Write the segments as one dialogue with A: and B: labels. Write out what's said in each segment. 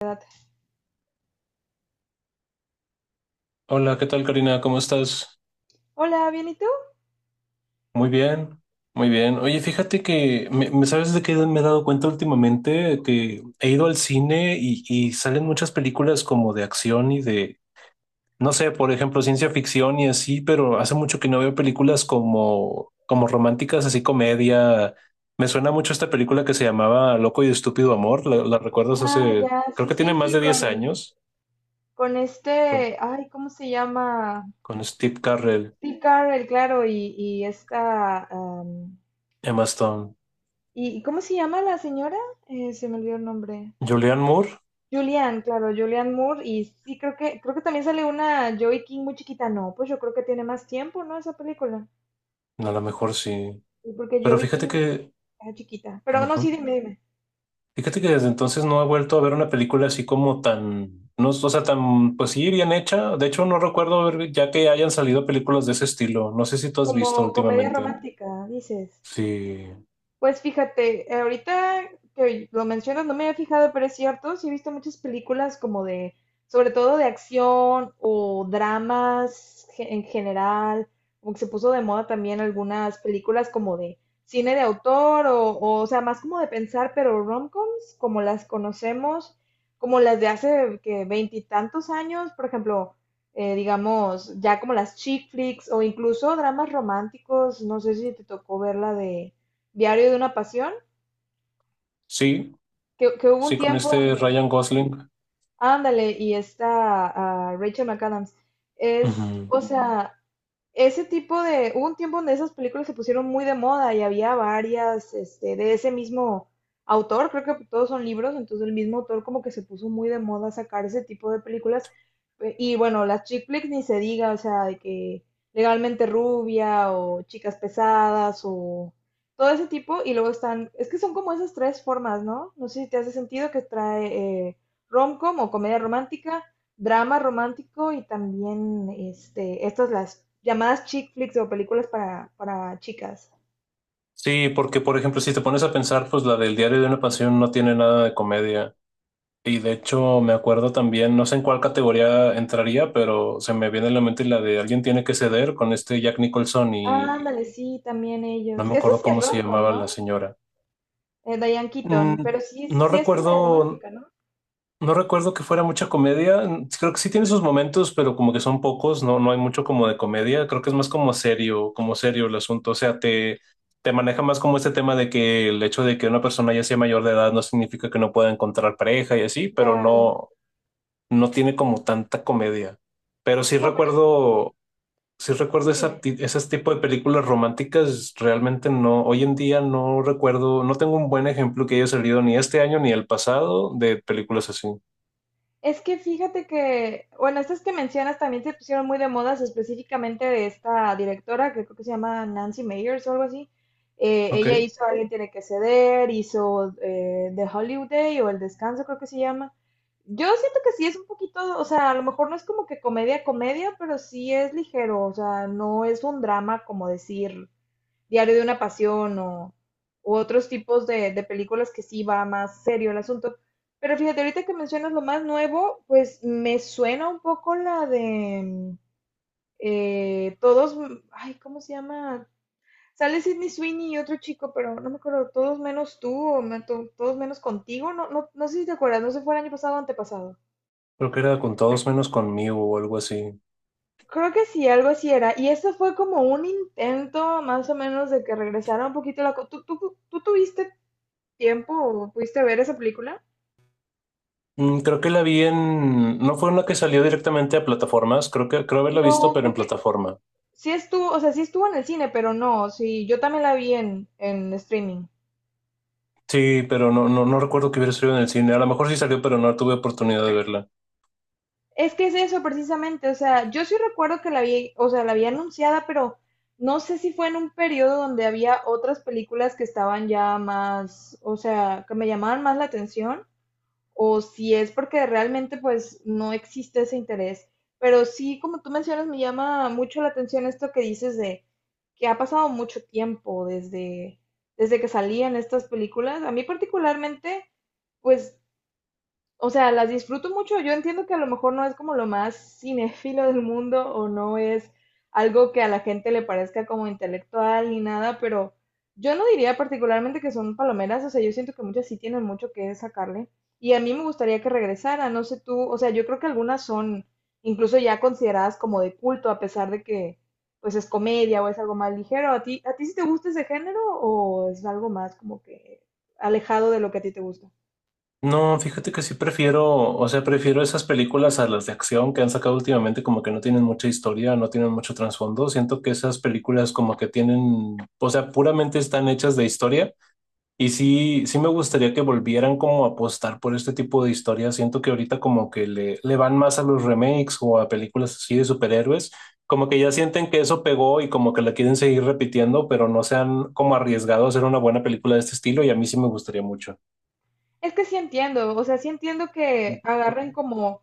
A: Edad.
B: Hola, ¿qué tal, Karina? ¿Cómo estás?
A: Hola, bien, ¿y tú?
B: Muy bien, muy bien. Oye, fíjate que, ¿sabes de qué me he dado cuenta últimamente? Que he ido al cine y salen
A: Ajá.
B: muchas películas como de acción y de, no sé, por ejemplo, ciencia ficción y así, pero hace mucho que no veo películas como, como románticas, así comedia. Me suena mucho esta película que se llamaba Loco y Estúpido Amor. ¿La recuerdas?
A: Ah,
B: Hace,
A: ya,
B: creo
A: sí,
B: que tiene
A: sí,
B: más
A: sí,
B: de 10 años,
A: con
B: con,
A: este, ay, ¿cómo se llama?
B: con Steve Carrell,
A: Sí, Carl, claro, y esta...
B: Emma Stone,
A: ¿y cómo se llama la señora? Se me olvidó el nombre.
B: Julianne Moore.
A: Julianne, claro, Julianne Moore. Y sí, creo que también sale una Joey King muy chiquita. No, pues yo creo que tiene más tiempo, ¿no? Esa película.
B: A lo mejor sí.
A: Sí, porque
B: Pero
A: Joey
B: fíjate
A: King
B: que,
A: era chiquita. Pero no, sí,
B: ujú.
A: dime, dime.
B: Fíjate que desde entonces no he vuelto a ver una película así como tan, no, o sea, tan, pues sí, bien hecha. De hecho, no recuerdo ver ya que hayan salido películas de ese estilo. No sé si tú has visto
A: Como comedia
B: últimamente.
A: romántica, dices.
B: Sí,
A: Pues fíjate, ahorita que lo mencionas, no me había fijado, pero es cierto, sí he visto muchas películas como de, sobre todo de acción o dramas en general, como que se puso de moda también algunas películas como de cine de autor o sea, más como de pensar, pero romcoms, como las conocemos, como las de hace que veintitantos años, por ejemplo, digamos, ya como las chick flicks o incluso dramas románticos, no sé si te tocó ver la de Diario de una pasión,
B: sí,
A: que hubo un
B: sí, con
A: tiempo
B: este
A: donde,
B: Ryan Gosling.
A: ándale, y está Rachel McAdams. Es,
B: Ujú.
A: o sea, ese tipo de, hubo un tiempo donde esas películas se pusieron muy de moda y había varias, este, de ese mismo autor, creo que todos son libros, entonces el mismo autor como que se puso muy de moda sacar ese tipo de películas. Y bueno, las chick flicks ni se diga, o sea, de que legalmente rubia o chicas pesadas o todo ese tipo. Y luego están, es que son como esas tres formas, ¿no? No sé si te hace sentido que trae rom-com o comedia romántica, drama romántico y también este, estas las llamadas chick flicks o películas para chicas.
B: Sí, porque por ejemplo, si te pones a pensar, pues la del Diario de una Pasión no tiene nada de comedia. Y de hecho, me acuerdo también, no sé en cuál categoría entraría, pero se me viene a la mente la de Alguien tiene que ceder, con este Jack Nicholson. Y
A: Ándale, sí, también
B: no
A: ellos.
B: me
A: Eso
B: acuerdo
A: sí es
B: cómo se
A: rom-com,
B: llamaba la
A: ¿no?
B: señora.
A: Diane Keaton,
B: Mm,
A: pero sí,
B: no
A: sí es comedia
B: recuerdo,
A: romántica, ¿no?
B: no recuerdo que fuera mucha comedia. Creo que sí tiene sus momentos, pero como que son pocos, no, no hay mucho como de comedia. Creo que es más como serio el asunto. O sea, te maneja más como este tema de que el hecho de que una persona ya sea mayor de edad no significa que no pueda encontrar pareja y así,
A: Ya,
B: pero
A: ya.
B: no, no tiene como tanta comedia. Pero sí
A: No, pero
B: recuerdo. Sí recuerdo
A: sí,
B: esa,
A: dime.
B: ese tipo de películas románticas, realmente no, hoy en día no recuerdo, no tengo un buen ejemplo que haya salido ni este año ni el pasado de películas así.
A: Es que fíjate que, bueno, estas que mencionas también se pusieron muy de modas específicamente de esta directora que creo que se llama Nancy Meyers o algo así.
B: Ok,
A: Ella hizo Alguien tiene que ceder, hizo The Hollywood Day o El Descanso creo que se llama. Yo siento que sí es un poquito, o sea, a lo mejor no es como que comedia, comedia, pero sí es ligero, o sea, no es un drama como decir, Diario de una Pasión o, u otros tipos de películas que sí va más serio el asunto. Pero fíjate, ahorita que mencionas lo más nuevo, pues me suena un poco la de todos, ay, ¿cómo se llama? Sale Sidney Sweeney y otro chico, pero no me acuerdo, todos menos tú o todos menos contigo, no, no, no sé si te acuerdas, no sé si fue el año pasado o antepasado.
B: creo que era con todos menos conmigo o algo así.
A: Creo que sí, algo así era. Y esto fue como un intento más o menos de que regresara un poquito la... ¿Tú tuviste tiempo pudiste ver esa película?
B: Creo que la vi en, no fue una que salió directamente a plataformas, creo que creo haberla visto,
A: No,
B: pero en
A: creo que
B: plataforma.
A: sí estuvo, o sea, sí estuvo en el cine, pero no, sí, yo también la vi en streaming.
B: Sí, pero no, no, no recuerdo que hubiera salido en el cine. A lo mejor sí salió, pero no tuve oportunidad de verla.
A: Es que es eso precisamente, o sea, yo sí recuerdo que la vi, o sea, la había anunciada, pero no sé si fue en un periodo donde había otras películas que estaban ya más, o sea, que me llamaban más la atención o si es porque realmente pues no existe ese interés. Pero sí, como tú mencionas, me llama mucho la atención esto que dices de que ha pasado mucho tiempo desde que salían estas películas. A mí particularmente, pues o sea, las disfruto mucho. Yo entiendo que a lo mejor no es como lo más cinéfilo del mundo o no es algo que a la gente le parezca como intelectual ni nada, pero yo no diría particularmente que son palomeras. O sea, yo siento que muchas sí tienen mucho que sacarle. Y a mí me gustaría que regresara, no sé tú. O sea, yo creo que algunas son incluso ya consideradas como de culto, a pesar de que pues es comedia o es algo más ligero. ¿A ti sí te gusta ese género o es algo más como que alejado de lo que a ti te gusta?
B: No, fíjate que sí prefiero, o sea, prefiero esas películas a las de acción que han sacado últimamente, como que no tienen mucha historia, no tienen mucho trasfondo. Siento que esas películas como que tienen, o sea, puramente están hechas de historia. Y sí, sí me gustaría que volvieran como a apostar por este tipo de historias. Siento que ahorita como que le van más a los remakes o a películas así de superhéroes, como que ya sienten que eso pegó y como que la quieren seguir repitiendo, pero no se han como arriesgado a hacer una buena película de este estilo y a mí sí me gustaría mucho.
A: Es que sí entiendo, o sea, sí entiendo que agarren como,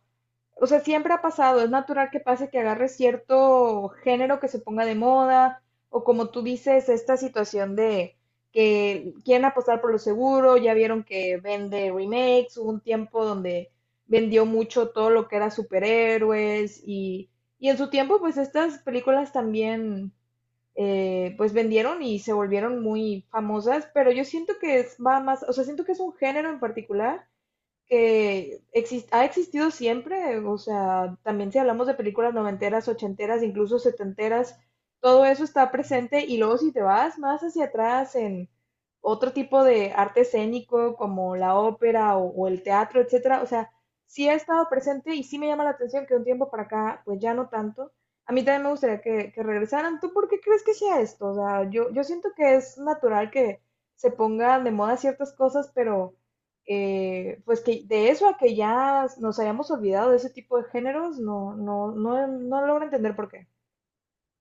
A: o sea, siempre ha pasado, es natural que pase que agarre cierto género que se ponga de moda, o como tú dices, esta situación de que quieren apostar por lo seguro, ya vieron que vende remakes, hubo un tiempo donde vendió mucho todo lo que era superhéroes y en su tiempo pues estas películas también pues vendieron y se volvieron muy famosas, pero yo siento que es, va más, o sea, siento que es un género en particular que ha existido siempre, o sea, también si hablamos de películas noventeras, ochenteras, incluso setenteras, todo eso está presente y luego si te vas más hacia atrás en otro tipo de arte escénico como la ópera o el teatro, etcétera, o sea, sí ha estado presente y sí me llama la atención que de un tiempo para acá, pues ya no tanto. A mí también me gustaría que regresaran. ¿Tú por qué crees que sea esto? O sea, yo siento que es natural que se pongan de moda ciertas cosas, pero pues que de eso a que ya nos hayamos olvidado de ese tipo de géneros, no logro entender por qué.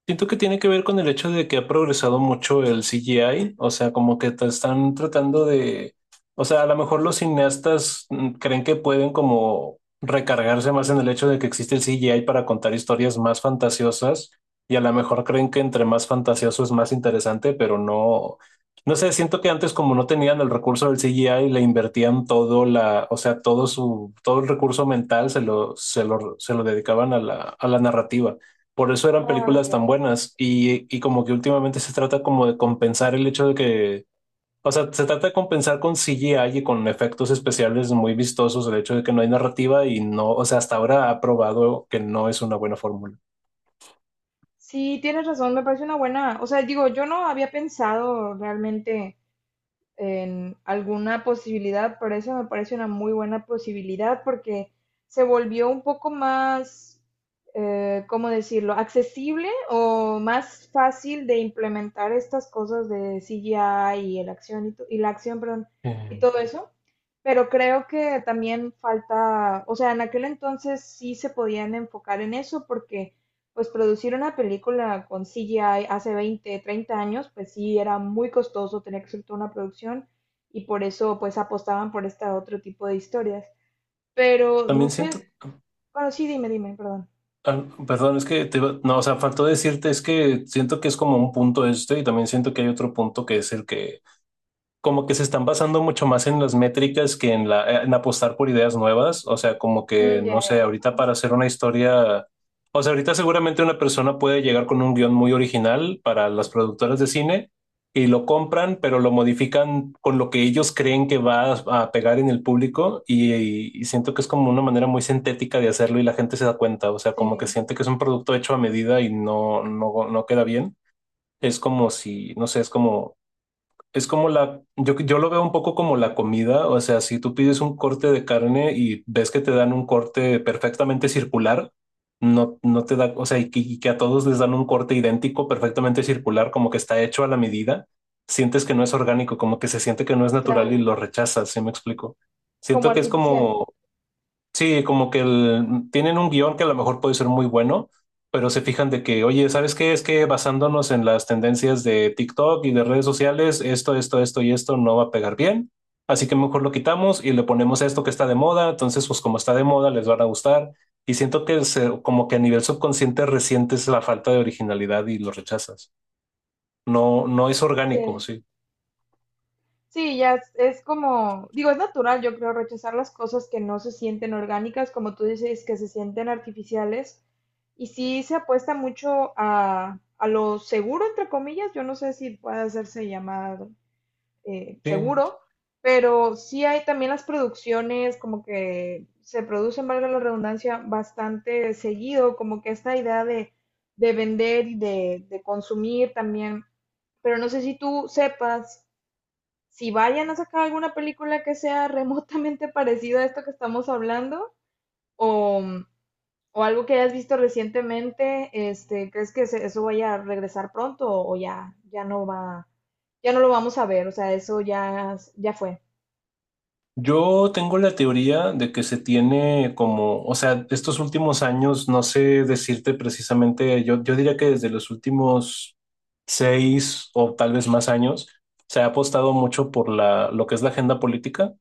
B: Siento que tiene que ver con el hecho de que ha progresado mucho el CGI, o sea, como que te están tratando de, o sea, a lo mejor los cineastas creen que pueden como recargarse más en el hecho de que existe el CGI para contar historias más fantasiosas y a lo mejor creen que entre más fantasioso es más interesante, pero no, no sé, siento que antes como no tenían el recurso del CGI, le invertían todo la, o sea, todo su, todo el recurso mental se lo dedicaban a la narrativa. Por eso eran
A: Ah, ok.
B: películas tan buenas y como que últimamente se trata como de compensar el hecho de que, o sea, se trata de compensar con CGI y con efectos especiales muy vistosos el hecho de que no hay narrativa y no, o sea, hasta ahora ha probado que no es una buena fórmula.
A: Sí, tienes razón, me parece una buena, o sea, digo, yo no había pensado realmente en alguna posibilidad, pero eso me parece una muy buena posibilidad porque se volvió un poco más, ¿cómo decirlo?, accesible o más fácil de implementar estas cosas de CGI y, el acción y la acción, perdón, y
B: Eh,
A: todo eso. Pero creo que también falta, o sea, en aquel entonces sí se podían enfocar en eso porque pues producir una película con CGI hace 20, 30 años, pues sí era muy costoso, tenía que ser toda una producción y por eso pues apostaban por este otro tipo de historias. Pero no
B: También
A: sé,
B: siento,
A: bueno, sí, dime, dime, perdón.
B: ah, perdón, es que no, o sea, faltó decirte, es que siento que es como un punto este y también siento que hay otro punto que es el que como que se están basando mucho más en las métricas que en la, en apostar por ideas nuevas. O sea, como que,
A: Ya,
B: no
A: ya.
B: sé, ahorita para hacer una historia, o sea, ahorita seguramente una persona puede llegar con un guión muy original para las productoras de cine y lo compran, pero lo modifican con lo que ellos creen que va a pegar en el público y siento que es como una manera muy sintética de hacerlo y la gente se da cuenta. O sea, como que
A: Sí,
B: siente que es un producto hecho a medida y no, no, no queda bien. Es como si, no sé, es como la, yo lo veo un poco como la comida, o sea, si tú pides un corte de carne y ves que te dan un corte perfectamente circular, no, no te da, o sea, y que a todos les dan un corte idéntico, perfectamente circular, como que está hecho a la medida, sientes que no es orgánico, como que se siente que no es natural y
A: claro,
B: lo rechazas, ¿sí me explico?
A: como
B: Siento que es
A: artificial.
B: como. Sí, como que tienen un guión que a lo mejor puede ser muy bueno, pero se fijan de que, oye, ¿sabes qué? Es que basándonos en las tendencias de TikTok y de redes sociales, esto y esto no va a pegar bien, así que mejor lo quitamos y le ponemos esto que está de moda, entonces pues como está de moda les van a gustar y siento que como que a nivel subconsciente resientes la falta de originalidad y lo rechazas. No, no es orgánico,
A: Sí.
B: sí.
A: Sí, ya es como, digo, es natural, yo creo, rechazar las cosas que no se sienten orgánicas, como tú dices, que se sienten artificiales. Y sí se apuesta mucho a lo seguro, entre comillas, yo no sé si puede hacerse llamar
B: Sí.
A: seguro, pero sí hay también las producciones, como que se producen, valga la redundancia, bastante seguido, como que esta idea de vender de consumir también. Pero no sé si tú sepas si vayan a sacar alguna película que sea remotamente parecida a esto que estamos hablando o, o algo que hayas visto recientemente, este, ¿crees que eso vaya a regresar pronto o ya, ya no va, ya no lo vamos a ver? O sea, eso ya, ya fue.
B: Yo tengo la teoría de que se tiene como, o sea, estos últimos años, no sé decirte precisamente, yo diría que desde los últimos 6 o tal vez más años, se ha apostado mucho por la, lo que es la agenda política,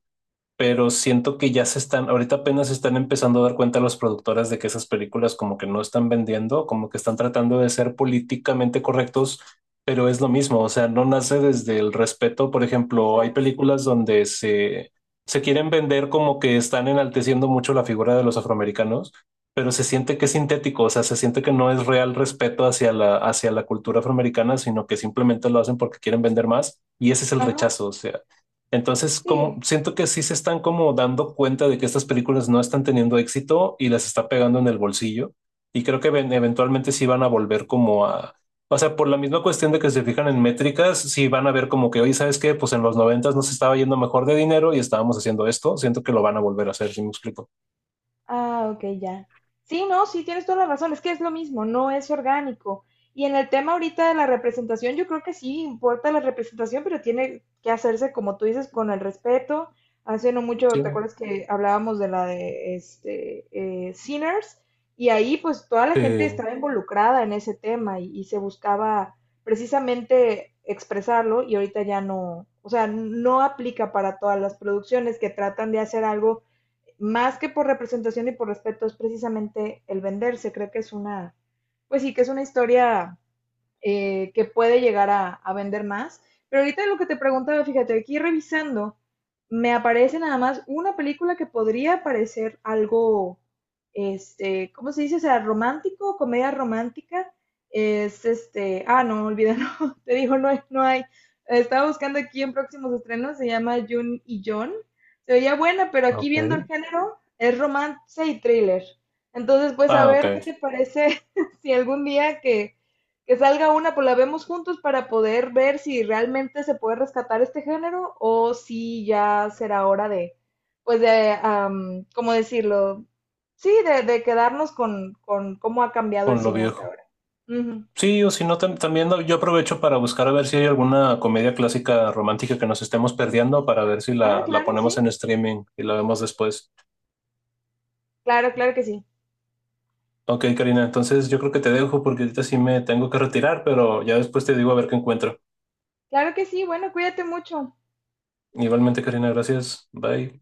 B: pero siento que ya se están, ahorita apenas se están empezando a dar cuenta las productoras de que esas películas como que no están vendiendo, como que están tratando de ser políticamente correctos, pero es lo mismo, o sea, no nace desde el respeto. Por ejemplo, hay
A: Exacto.
B: películas donde se quieren vender como que están enalteciendo mucho la figura de los afroamericanos, pero se siente que es sintético, o sea, se siente que no es real respeto hacia la cultura afroamericana, sino que simplemente lo hacen porque quieren vender más y ese es el
A: Ajá,
B: rechazo, o sea. Entonces, como,
A: sí.
B: siento que sí se están como dando cuenta de que estas películas no están teniendo éxito y las está pegando en el bolsillo. Y creo que eventualmente sí van a volver como a... O sea, por la misma cuestión de que se fijan en métricas, sí van a ver como que, oye, ¿sabes qué? Pues en los noventas nos estaba yendo mejor de dinero y estábamos haciendo esto. Siento que lo van a volver a hacer, si me explico.
A: Ah, ok, ya. Sí, no, sí, tienes toda la razón, es que es lo mismo, no es orgánico. Y en el tema ahorita de la representación, yo creo que sí importa la representación, pero tiene que hacerse, como tú dices, con el respeto. Hace no
B: Sí.
A: mucho, ¿te acuerdas que hablábamos de la de este, Sinners? Y ahí pues toda la gente
B: Sí.
A: estaba involucrada en ese tema y se buscaba precisamente expresarlo y ahorita ya no, o sea, no aplica para todas las producciones que tratan de hacer algo más que por representación y por respeto, es precisamente el venderse. Creo que es una, pues sí, que es una historia que puede llegar a vender más. Pero ahorita lo que te preguntaba, fíjate, aquí revisando, me aparece nada más una película que podría parecer algo, este, ¿cómo se dice? O sea, romántico, comedia romántica. Es este, ah, no, olvídalo, te digo, no hay, no hay. Estaba buscando aquí en próximos estrenos, se llama June y John. Se veía buena, pero aquí
B: Ok.
A: viendo el género, es romance y thriller. Entonces, pues a
B: Ah, ok.
A: ver qué te parece si algún día que salga una, pues la vemos juntos para poder ver si realmente se puede rescatar este género o si ya será hora de, pues de, ¿cómo decirlo? Sí, de quedarnos con cómo ha cambiado el
B: Con lo
A: cine hasta
B: viejo.
A: ahora. Ujú.
B: Sí, o si no, también yo aprovecho para buscar a ver si hay alguna comedia clásica romántica que nos estemos perdiendo para ver si
A: Ah,
B: la
A: claro,
B: ponemos en
A: sí.
B: streaming y la vemos después.
A: Claro, claro que sí.
B: Ok, Karina, entonces yo creo que te dejo porque ahorita sí me tengo que retirar, pero ya después te digo a ver qué encuentro.
A: Claro que sí. Bueno, cuídate mucho.
B: Igualmente, Karina, gracias. Bye.